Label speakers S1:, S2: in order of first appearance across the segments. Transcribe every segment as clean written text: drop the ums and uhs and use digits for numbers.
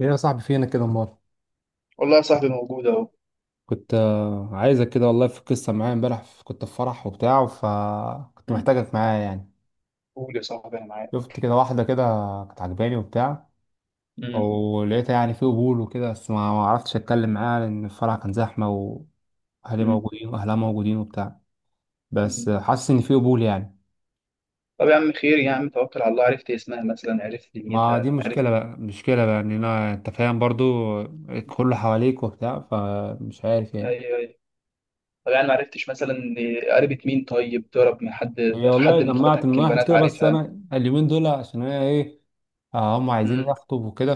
S1: ايه يا صاحبي فينا كده امال؟
S2: والله يا صاحبي موجود اهو.
S1: كنت عايزك كده. والله، في قصه معايا امبارح كنت في فرح وبتاع، فكنت
S2: مم.
S1: محتاجك معايا يعني.
S2: قول يا صاحبي انا معاك.
S1: شفت كده واحده كده، كانت عجباني وبتاع،
S2: مم.
S1: ولقيتها يعني في قبول وكده. بس ما عرفتش اتكلم معاها لان الفرح كان زحمه، واهلي
S2: مم.
S1: موجودين واهلها موجودين وبتاع. بس
S2: مم.
S1: حاسس ان في قبول يعني.
S2: طب يا عم، خير يا عم، توكل على الله. عرفت اسمها مثلا؟ عرفت
S1: ما دي
S2: دنيتها؟ عرفت؟
S1: مشكله بقى، مشكله بقى، ان انا، انت فاهم برضو. كله حواليك وبتاع، فمش عارف يعني.
S2: ايوه ايوه. طب يعني ما عرفتش مثلا قريبة مين؟ طيب ضرب من حد
S1: هي والله
S2: حد من
S1: جمعت من
S2: اخواتك
S1: واحد
S2: البنات
S1: كده، بس
S2: عارفها؟
S1: انا اليومين دول عشان انا ايه، هم عايزين
S2: مم.
S1: يخطب وكده،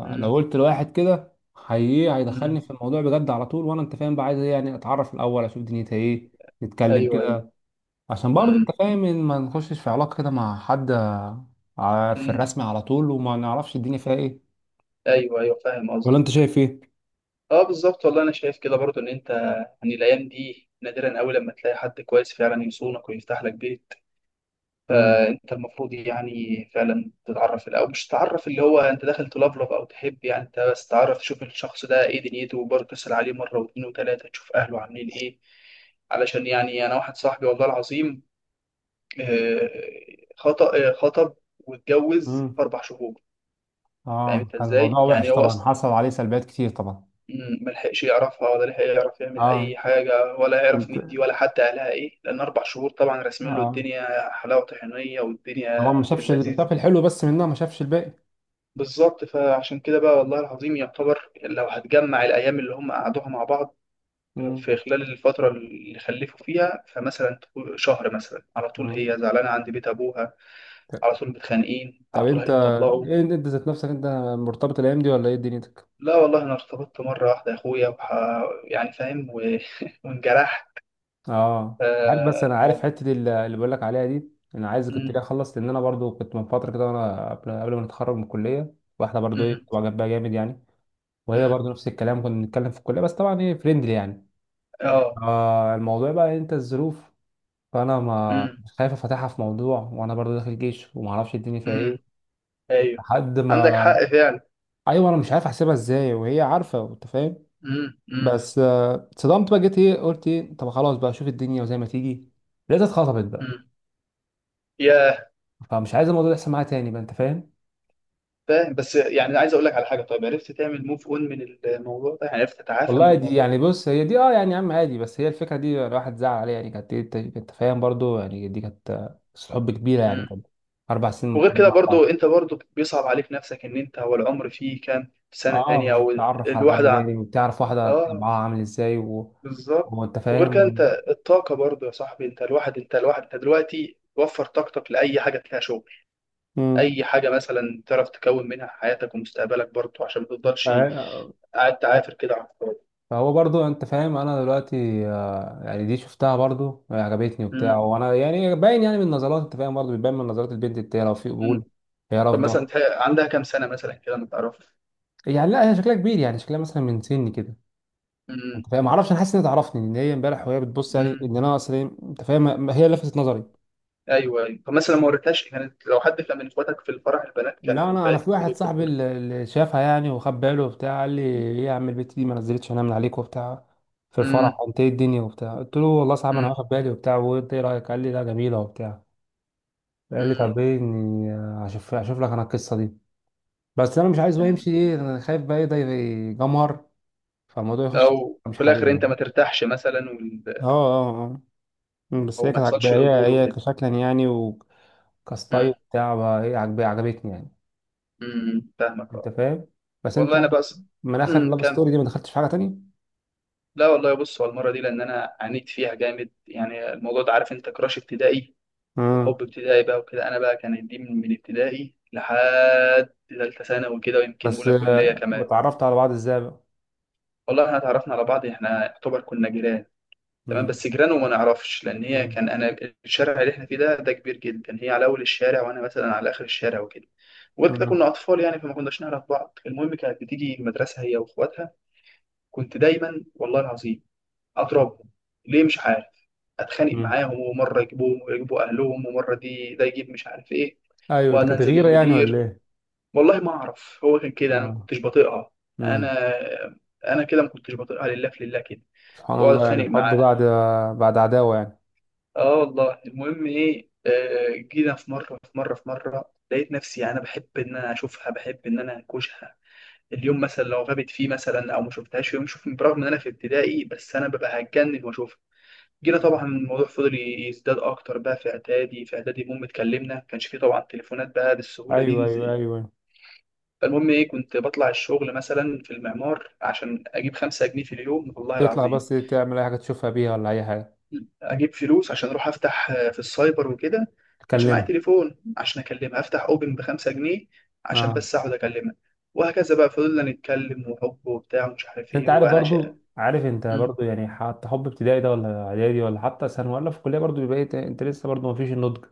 S2: مم.
S1: قلت لواحد كده هي
S2: مم.
S1: هيدخلني في الموضوع بجد على طول. وانا انت فاهم بقى عايز إيه؟ يعني اتعرف الاول، اشوف دنيتها ايه، نتكلم
S2: ايوه ايوه.
S1: كده. عشان برضه انت
S2: مم.
S1: فاهم ان ما نخشش في علاقة كده مع حد، في
S2: مم.
S1: الرسم على طول وما نعرفش الدنيا فيها ايه.
S2: ايوه ايوه، فاهم
S1: ولا انت
S2: قصدك.
S1: شايف ايه؟
S2: اه بالظبط، والله انا شايف كده برضو ان انت يعني الايام دي نادرا قوي لما تلاقي حد كويس فعلا يصونك ويفتح لك بيت.
S1: امم.
S2: فانت المفروض يعني فعلا تتعرف، او مش تتعرف اللي هو انت داخل تلفلف او تحب، يعني انت بس تعرف تشوف الشخص ده ايه دنيته، وبرضه تسأل عليه مره واثنين وثلاثه، تشوف اهله عاملين ايه. علشان يعني انا واحد صاحبي والله العظيم آه، خطأ آه، خطب واتجوز
S1: امم.
S2: في اربع شهور. فاهم
S1: اه،
S2: انت
S1: كان الموضوع
S2: ازاي؟ يعني
S1: وحش
S2: هو
S1: طبعا،
S2: اصلا،
S1: حصل عليه سلبيات كتير طبعا.
S2: مم، ما لحقش يعرفها ولا لحق يعرف يعمل
S1: اه.
S2: اي حاجه، ولا يعرف
S1: انت.
S2: مين دي ولا حتى اهلها ايه، لان اربع شهور طبعا راسمين له
S1: اه،
S2: الدنيا حلاوه طحينيه
S1: طبعا
S2: والدنيا
S1: ما
S2: في
S1: شافش
S2: اللذيذ.
S1: شاف الحلو بس منها، ما شافش الباقي.
S2: بالظبط، فعشان كده بقى والله العظيم، يعتبر لو هتجمع الأيام اللي هم قعدوها مع بعض
S1: امم.
S2: في خلال الفترة اللي خلفوا فيها، فمثلا تقول شهر مثلا، على طول هي زعلانة عند بيت أبوها، على طول متخانقين،
S1: طب
S2: على طول
S1: انت،
S2: هيتطلقوا.
S1: ايه انت ذات نفسك، انت مرتبط الايام دي ولا ايه دنيتك؟
S2: لا والله أنا ارتبطت مرة واحدة يا أخويا، يعني فاهم وانجرحت
S1: اه عارف. بس انا عارف
S2: الموضوع.
S1: حته اللي بقول لك عليها دي. انا عايز كنت
S2: مم،
S1: ليه اخلص، لان انا برضو كنت من فتره كده، وانا قبل ما نتخرج من الكليه، واحده برضو ايه
S2: مم،
S1: كنت جنبها جامد يعني. وهي
S2: مم.
S1: برضو نفس الكلام، كنا بنتكلم في الكليه، بس طبعا ايه فريندلي يعني.
S2: اه.
S1: آه، الموضوع بقى إيه، انت الظروف. فانا ما
S2: مم،
S1: مش خايف افتحها في موضوع، وانا برضو داخل جيش وما اعرفش الدنيا فيها
S2: مم.
S1: ايه
S2: أيوه،
S1: لحد
S2: عندك
S1: ما.
S2: حق فعلا.
S1: ايوه، انا مش عارف احسبها ازاي وهي عارفه، انت فاهم.
S2: مم، مم،
S1: بس اتصدمت بقى. جيت ايه، قلت ايه، طب خلاص بقى، شوف الدنيا وزي ما تيجي. لقيتها اتخطبت بقى.
S2: مم. يا
S1: فمش عايز الموضوع ده يحصل معايا تاني بقى، انت فاهم.
S2: فاهم، بس يعني عايز اقول لك على حاجه. طيب عرفت تعمل موف اون من الموضوع ده؟ يعني عرفت تتعافى من
S1: والله دي
S2: الموضوع
S1: يعني،
S2: ده؟
S1: بص، هي دي اه يعني يا عم عادي. بس هي الفكره دي الواحد زعل عليها يعني، كانت إيه، انت فاهم برضو يعني، دي كانت قصة حب كبيره يعني،
S2: امم.
S1: كانت 4 سنين من
S2: وغير
S1: الكليه
S2: كده
S1: مع
S2: برضو
S1: بعض.
S2: انت، برضو بيصعب عليك نفسك ان انت هو العمر فيه كام سنه تانية،
S1: اه،
S2: او
S1: تتعرف على حد
S2: الواحده ع-
S1: تاني وتعرف واحده
S2: اه
S1: طبعها عامل ازاي و...
S2: بالظبط.
S1: وانت
S2: وغير كده انت
S1: فاهم.
S2: الطاقه برضو يا صاحبي، انت الواحد انت دلوقتي وفر طاقتك لاي حاجه فيها شغل،
S1: مم.
S2: اي حاجه مثلا تعرف تكون منها حياتك ومستقبلك برضو، عشان ما تفضلش قاعد تعافر كده على الفاضي.
S1: فهو برضو انت فاهم، انا دلوقتي يعني دي شفتها برضو يعني عجبتني وبتاع.
S2: امم.
S1: وانا يعني باين يعني من النظرات، انت فاهم برضو بيبان من نظرات البنت التانية لو في قبول.
S2: امم.
S1: هي
S2: طب مثلا
S1: رافضه.
S2: عندها كام سنه مثلا كده ما تعرفش؟
S1: يعني لا، هي شكلها كبير يعني، شكلها مثلا من سني كده. انت فاهم، معرفش، انا حاسس انها تعرفني، ان هي امبارح وهي بتبص يعني ان
S2: امم.
S1: انا اصلا، انت فاهم، هي لفتت نظري.
S2: ايوه ايوه. فمثلا ما وريتهاش كانت، لو حد كان من اخواتك في الفرح البنات
S1: لا،
S2: كانوا
S1: انا
S2: بعت
S1: في
S2: لي
S1: واحد
S2: فيديو في
S1: صاحبي
S2: الحر.
S1: اللي شافها يعني وخد باله وبتاع، قال لي ايه يا عم البت دي، ما نزلتش انا من عليك وبتاع في الفرح،
S2: امم.
S1: انت ايه الدنيا وبتاع؟ قلت له والله صعب، انا
S2: امم.
S1: واخد بالي وبتاع. وانت ايه رايك؟ قال لي لا، جميله وبتاع. قال لي طب
S2: امم.
S1: ايه، اني اشوف لك انا القصه دي. بس انا مش عايز بقى
S2: يعني
S1: يمشي ايه، انا خايف بقى ايه ده يجمر، فالموضوع يخش في سكة
S2: لو
S1: مش
S2: في الاخر
S1: حاببها
S2: انت
S1: يعني.
S2: ما ترتاحش مثلا
S1: اه، اه، اه. أمم، بس
S2: او
S1: هي
S2: ما
S1: كانت عاجباه.
S2: يحصلش
S1: هي
S2: قبول
S1: هي
S2: وكده.
S1: كشكلا يعني وكستايل
S2: امم.
S1: بتاع بقى ايه عاجباه، عجبتني يعني،
S2: امم، فاهمك.
S1: انت
S2: اه.
S1: فاهم. بس انت
S2: والله انا
S1: يعني،
S2: بس.
S1: من اخر لاف
S2: كم.
S1: ستوري دي ما دخلتش في حاجه تانية.
S2: لا والله، بص هو المره دي، لان انا عانيت فيها جامد يعني الموضوع ده، عارف انت كراش ابتدائي
S1: امم.
S2: وحب ابتدائي بقى وكده. انا بقى كانت دي من ابتدائي لحد ثالثه ثانوي كده، ويمكن
S1: بس
S2: اولى كليه كمان.
S1: واتعرفت على بعض ازاي بقى؟
S2: والله احنا اتعرفنا على بعض، احنا يعتبر كنا جيران. تمام
S1: امم.
S2: بس جيران وما نعرفش، لان هي
S1: امم.
S2: كان انا الشارع اللي احنا فيه ده كبير جدا، هي على اول الشارع وانا مثلا على اخر الشارع وكده. وغير كده
S1: امم.
S2: كنا اطفال يعني، فما كناش نعرف بعض. المهم كانت بتيجي المدرسه هي واخواتها، كنت دايما والله العظيم اضربهم، ليه مش عارف. اتخانق
S1: أمم.
S2: معاهم ومره يجيبوهم ويجيبوا اهلهم، ومره دي ده يجيب مش عارف ايه،
S1: ايوه، ده
S2: وانا
S1: كانت
S2: انزل
S1: غيره يعني ولا
S2: للمدير.
S1: ايه؟
S2: والله ما اعرف، هو كان كده انا ما
S1: اه.
S2: كنتش بطيقها.
S1: امم.
S2: انا انا كده ما كنتش بطيقها، لله في لله كده.
S1: سبحان
S2: واقعد
S1: الله يعني،
S2: اتخانق
S1: الحب
S2: معاها.
S1: بعد، بعد عداوه يعني.
S2: اه والله. المهم ايه، جينا في مره، لقيت نفسي انا بحب ان انا اشوفها، بحب ان انا انكشها. اليوم مثلا لو غابت فيه مثلا او ما شفتهاش في يوم، شوف برغم ان انا في ابتدائي بس انا ببقى هتجنن واشوفها. جينا طبعا الموضوع فضل يزداد اكتر بقى في اعدادي، المهم اتكلمنا. ما كانش فيه طبعا تليفونات بقى بالسهوله
S1: ايوه،
S2: دي
S1: ايوه،
S2: زي.
S1: ايوه.
S2: فالمهم ايه، كنت بطلع الشغل مثلا في المعمار عشان اجيب خمسة جنيه في اليوم والله
S1: تطلع
S2: العظيم،
S1: بس تعمل اي حاجه تشوفها بيها ولا اي حاجه؟
S2: اجيب فلوس عشان اروح افتح في السايبر وكده، كانش معايا
S1: تكلمها.
S2: تليفون عشان اكلمها. افتح اوبن بخمسة جنيه عشان
S1: اه.
S2: بس اقعد اكلمها. وهكذا بقى، فضلنا نتكلم وحب وبتاع ومش عارف
S1: بس انت
S2: ايه
S1: عارف
S2: وانا شقه.
S1: برضو، عارف انت
S2: امم.
S1: برضو يعني، حتى حب ابتدائي ده ولا اعدادي ولا حتى ثانوي ولا في الكليه، برضو بيبقى إيه، انت لسه برضو ما فيش النضج.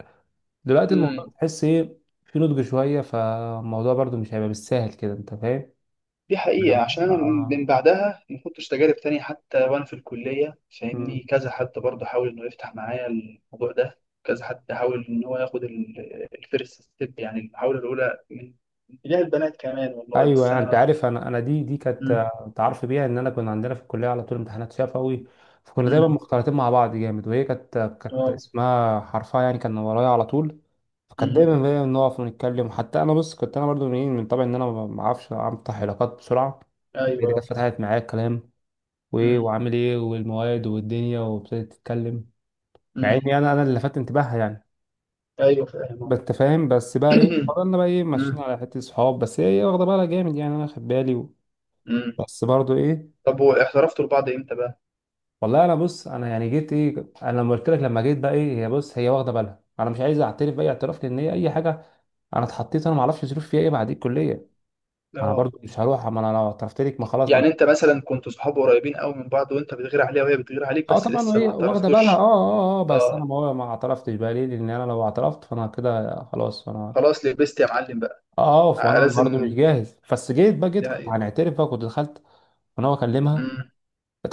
S1: دلوقتي الموضوع،
S2: أمم.
S1: تحس ايه في نضج شويه، فالموضوع برضو مش هيبقى بالسهل كده، انت فاهم
S2: دي حقيقة،
S1: يعني.
S2: عشان أنا من
S1: اه.
S2: بعدها ما كنتش تجارب تانية. حتى وأنا في الكلية
S1: مم.
S2: فاهمني، كذا حد برضه حاول إنه يفتح معايا الموضوع ده، كذا حد حاول إن هو ياخد الفيرست ستيب، يعني المحاولة الأولى من اتجاه البنات كمان، والله بس
S1: ايوه،
S2: أنا
S1: انت عارف، انا دي كانت
S2: أمم.
S1: تعرف بيها ان انا، كنا عندنا في الكليه على طول امتحانات شفوي، فكنا دايما
S2: أمم.
S1: مختلطين مع بعض جامد. وهي كانت
S2: اه.
S1: اسمها حرفها يعني كان ورايا على طول. فكانت
S2: مم.
S1: دايما هي نقف ونتكلم، حتى انا بص كنت انا برضو من إيه، من طبعي ان انا ما اعرفش افتح علاقات بسرعه. هي اللي كانت
S2: ايوه.
S1: فتحت معايا الكلام وايه
S2: مم.
S1: وعامل ايه والمواد والدنيا، وابتدت تتكلم مع
S2: مم.
S1: اني انا اللي لفت انتباهها يعني.
S2: ايوه فاهم.
S1: بس انت فاهم، بس بقى ايه فضلنا بقى ايه ماشيين
S2: مم.
S1: على حته صحاب، بس هي إيه واخده بالها جامد يعني، انا واخد بالي و...
S2: مم.
S1: بس برضو ايه.
S2: طب واحترفتوا لبعض امتى بقى؟
S1: والله انا بص، انا يعني جيت ايه، انا لما قلت لك لما جيت بقى ايه، هي بص هي واخده بالها، انا مش عايز اعترف باي اعتراف، لان هي اي حاجه، انا اتحطيت، انا ما اعرفش ظروف فيها ايه بعد الكليه، انا
S2: اه.
S1: برضو مش هروح. اما انا لو اعترفت لك، ما خلاص، ما انا
S2: يعني انت مثلا كنت صحاب قريبين قوي من بعض، وانت بتغير عليها وهي بتغير عليك
S1: اه
S2: بس
S1: طبعا،
S2: لسه
S1: وهي
S2: ما
S1: واخده بالها. اه،
S2: اعترفتوش.
S1: اه، اه. بس انا
S2: اه.
S1: ما اعترفتش بقى ليه، لان انا لو اعترفت فانا كده خلاص، انا
S2: خلاص لبست يا معلم بقى.
S1: اقف وانا برضو مش
S2: لازم،
S1: جاهز. بس جيت بقى، جيت
S2: دي
S1: كنت
S2: حقيقة.
S1: هنعترف بقى، كنت دخلت وانا بكلمها،
S2: مم.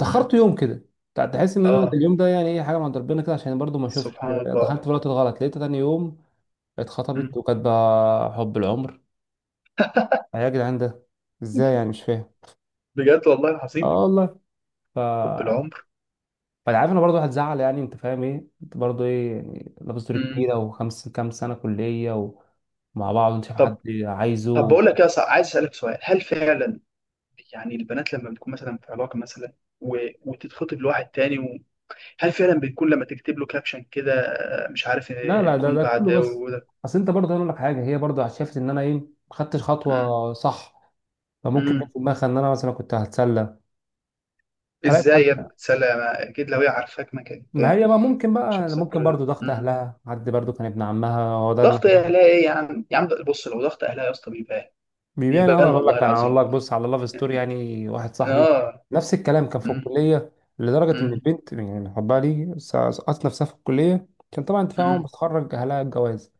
S2: مم.
S1: يوم كده. تحس ان انا
S2: اه.
S1: اليوم ده يعني ايه حاجه من عند ربنا كده، عشان برضو ما اشوفش
S2: سبحان الله.
S1: دخلت في الوقت الغلط. لقيت تاني يوم
S2: مم.
S1: اتخطبت، وكانت بقى حب العمر. آه يا جدعان، ده ازاي يعني، مش فاهم.
S2: بجد والله
S1: اه
S2: العظيم،
S1: والله. ف
S2: حب العمر.
S1: فانا عارف ان برضه هتزعل يعني، انت فاهم ايه، انت برضه ايه يعني، لابس دور
S2: مم.
S1: كبيره، وخمس كام سنه كليه ومع بعض، انت شايف حد
S2: طب طب
S1: عايزه؟
S2: بقول لك يا صاحبي، عايز اسالك سؤال. هل فعلا يعني البنات لما بتكون مثلا في علاقة مثلا، و... وتتخطب لواحد تاني و... هل فعلا بتكون لما تكتب له كابشن كده مش عارف
S1: لا، لا، ده
S2: الكون
S1: ده كله
S2: بعد
S1: بس
S2: وده؟
S1: اصل انت برضه هقول لك حاجه، هي برضه شافت ان انا ايه ما خدتش
S2: مم.
S1: خطوه صح، فممكن جت
S2: مم.
S1: في دماغها ان انا مثلا كنت هتسلى، هلاقي
S2: ازاي
S1: حد.
S2: يا ابني؟ تسلم، اكيد لو هي عارفاك ما كانت
S1: ما هي بقى ممكن
S2: مش
S1: بقى،
S2: هحسب
S1: ممكن
S2: كل ده.
S1: برضه ضغط
S2: مم.
S1: اهلها، حد برضه كان ابن عمها هو ده ابن
S2: ضغط اهلها ايه يا عم، بص لو ضغط اهلها يا اسطى بيبان،
S1: بيبيع يعني. اقدر
S2: بيبان
S1: اقول
S2: والله
S1: لك، انا اقول
S2: العظيم.
S1: لك بص على لاف ستوري، يعني واحد صاحبي
S2: اه.
S1: نفس الكلام كان في
S2: مم.
S1: الكليه، لدرجه ان
S2: مم.
S1: البنت يعني حبها لي، سقطت نفسها في الكليه كان طبعا، انت فاهم، اول ما
S2: مم.
S1: تتخرج اهلها الجواز.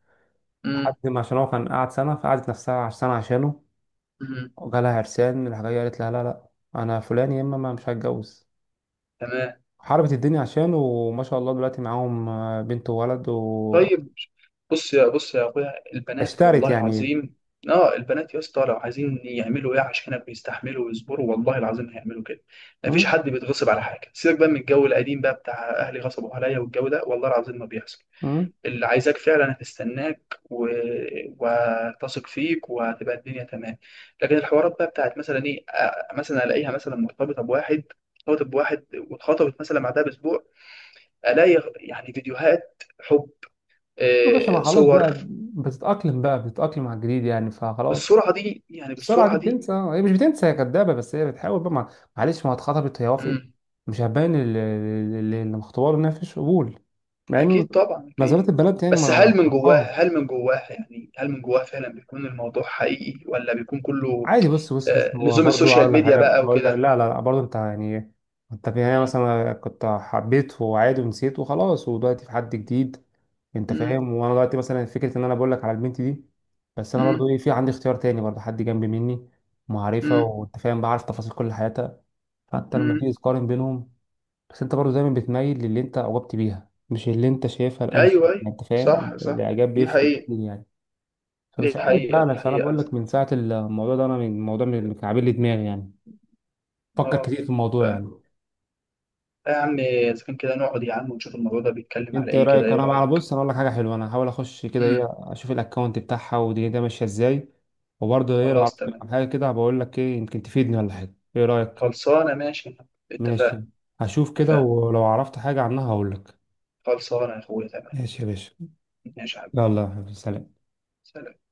S1: لحد
S2: مم.
S1: ما، عشان هو كان قاعد سنه، فقعدت نفسها سنه عشانه.
S2: مم.
S1: وجالها عرسان الحاجه دي قالت لها لا، لا، انا فلان يا اما، ما مش هتجوز.
S2: تمام.
S1: حاربت الدنيا عشانه، وما شاء الله دلوقتي معاهم بنت وولد
S2: طيب بص يا اخويا، البنات
S1: واشترت
S2: والله
S1: يعني.
S2: العظيم، اه البنات يا اسطى لو عايزين يعملوا ايه عشانك بيستحملوا ويصبروا، والله العظيم هيعملوا كده. مفيش
S1: امم.
S2: حد بيتغصب على حاجه. سيبك بقى من الجو القديم بقى بتاع اهلي غصبوا عليا والجو ده، والله العظيم ما بيحصل.
S1: امم.
S2: اللي عايزاك فعلا هتستناك و... وهتثق فيك وهتبقى الدنيا تمام. لكن الحوارات بقى بتاعت مثلا ايه مثلا الاقيها مثلا مرتبطه بواحد، ارتبطت بواحد واتخطبت مثلا بعدها باسبوع، الاقي يعني فيديوهات حب
S1: يا باشا ما خلاص بقى،
S2: صور.
S1: بتتأقلم بقى، بتتأقلم على الجديد يعني، فخلاص.
S2: بالسرعه دي يعني،
S1: السرعه دي
S2: بالسرعه دي؟
S1: بتنسى، هي مش بتنسى، هي كدابه. بس هي بتحاول بقى معلش، ما اتخطبت هي وافقت،
S2: مم.
S1: مش هتبين اللي مخطوبه له انها مفيش قبول. مع ان
S2: اكيد طبعا، اكيد.
S1: نظرات البنات يعني
S2: بس
S1: ما فرحان.
S2: هل من جواها يعني، هل من جواها فعلا بيكون الموضوع حقيقي، ولا بيكون كله
S1: عادي، بص، بص، بص، هو
S2: لزوم
S1: برضو
S2: السوشيال
S1: اقول لك
S2: ميديا
S1: حاجه،
S2: بقى
S1: اقول لك
S2: وكده؟
S1: لا، لا، لا، برضو انت يعني إيه، انت في النهايه
S2: مم.
S1: مثلا كنت حبيت وعادي ونسيت وخلاص، ودلوقتي في حد جديد، انت
S2: مم.
S1: فاهم. وانا دلوقتي مثلا فكره ان انا بقول لك على البنت دي. بس انا برضو
S2: مم.
S1: ايه، في عندي اختيار تاني برضو، حد جنبي مني معرفه،
S2: مم.
S1: وانت فاهم، بعرف تفاصيل كل حياتها حتى لما
S2: مم.
S1: تيجي تقارن بينهم. بس انت برضه دايما بتميل للي انت اعجبت بيها، مش اللي انت شايفها الانسب،
S2: ايوه ايوه،
S1: يعني انت فاهم.
S2: صح صح،
S1: الاعجاب بيفرق كتير يعني.
S2: دي
S1: فمش عارف
S2: حقيقة. دي
S1: فعلا. فانا
S2: حقيقة
S1: بقول لك
S2: صح.
S1: من ساعه الموضوع ده انا، من الموضوع من اللي كان عامل لي دماغي يعني، فكر
S2: اه.
S1: كتير في الموضوع
S2: ف-
S1: يعني.
S2: يا عم اذا كان كده نقعد يا عم ونشوف الموضوع ده بيتكلم على
S1: انت ايه
S2: ايه كده.
S1: رايك؟
S2: ايه
S1: انا بقى
S2: رأيك؟
S1: بص، انا اقول لك حاجه حلوه، انا هحاول اخش كده ايه،
S2: مم.
S1: اشوف الاكونت بتاعها ودي ده ماشيه ازاي. وبرضه ايه لو
S2: خلاص
S1: عرفت
S2: تمام،
S1: عن حاجه كده، بقول لك، ايه يمكن تفيدني ولا حاجه، ايه رايك؟
S2: خلصانة ماشي، اتفقنا.
S1: ماشي، هشوف كده
S2: اتفقنا،
S1: ولو عرفت حاجه عنها هقول لك.
S2: خلصانة يا أخويا، تمام.
S1: ماشي يا باشا،
S2: ماشي يا حبيبي،
S1: يلا يا حبيبي، سلام.
S2: سلام.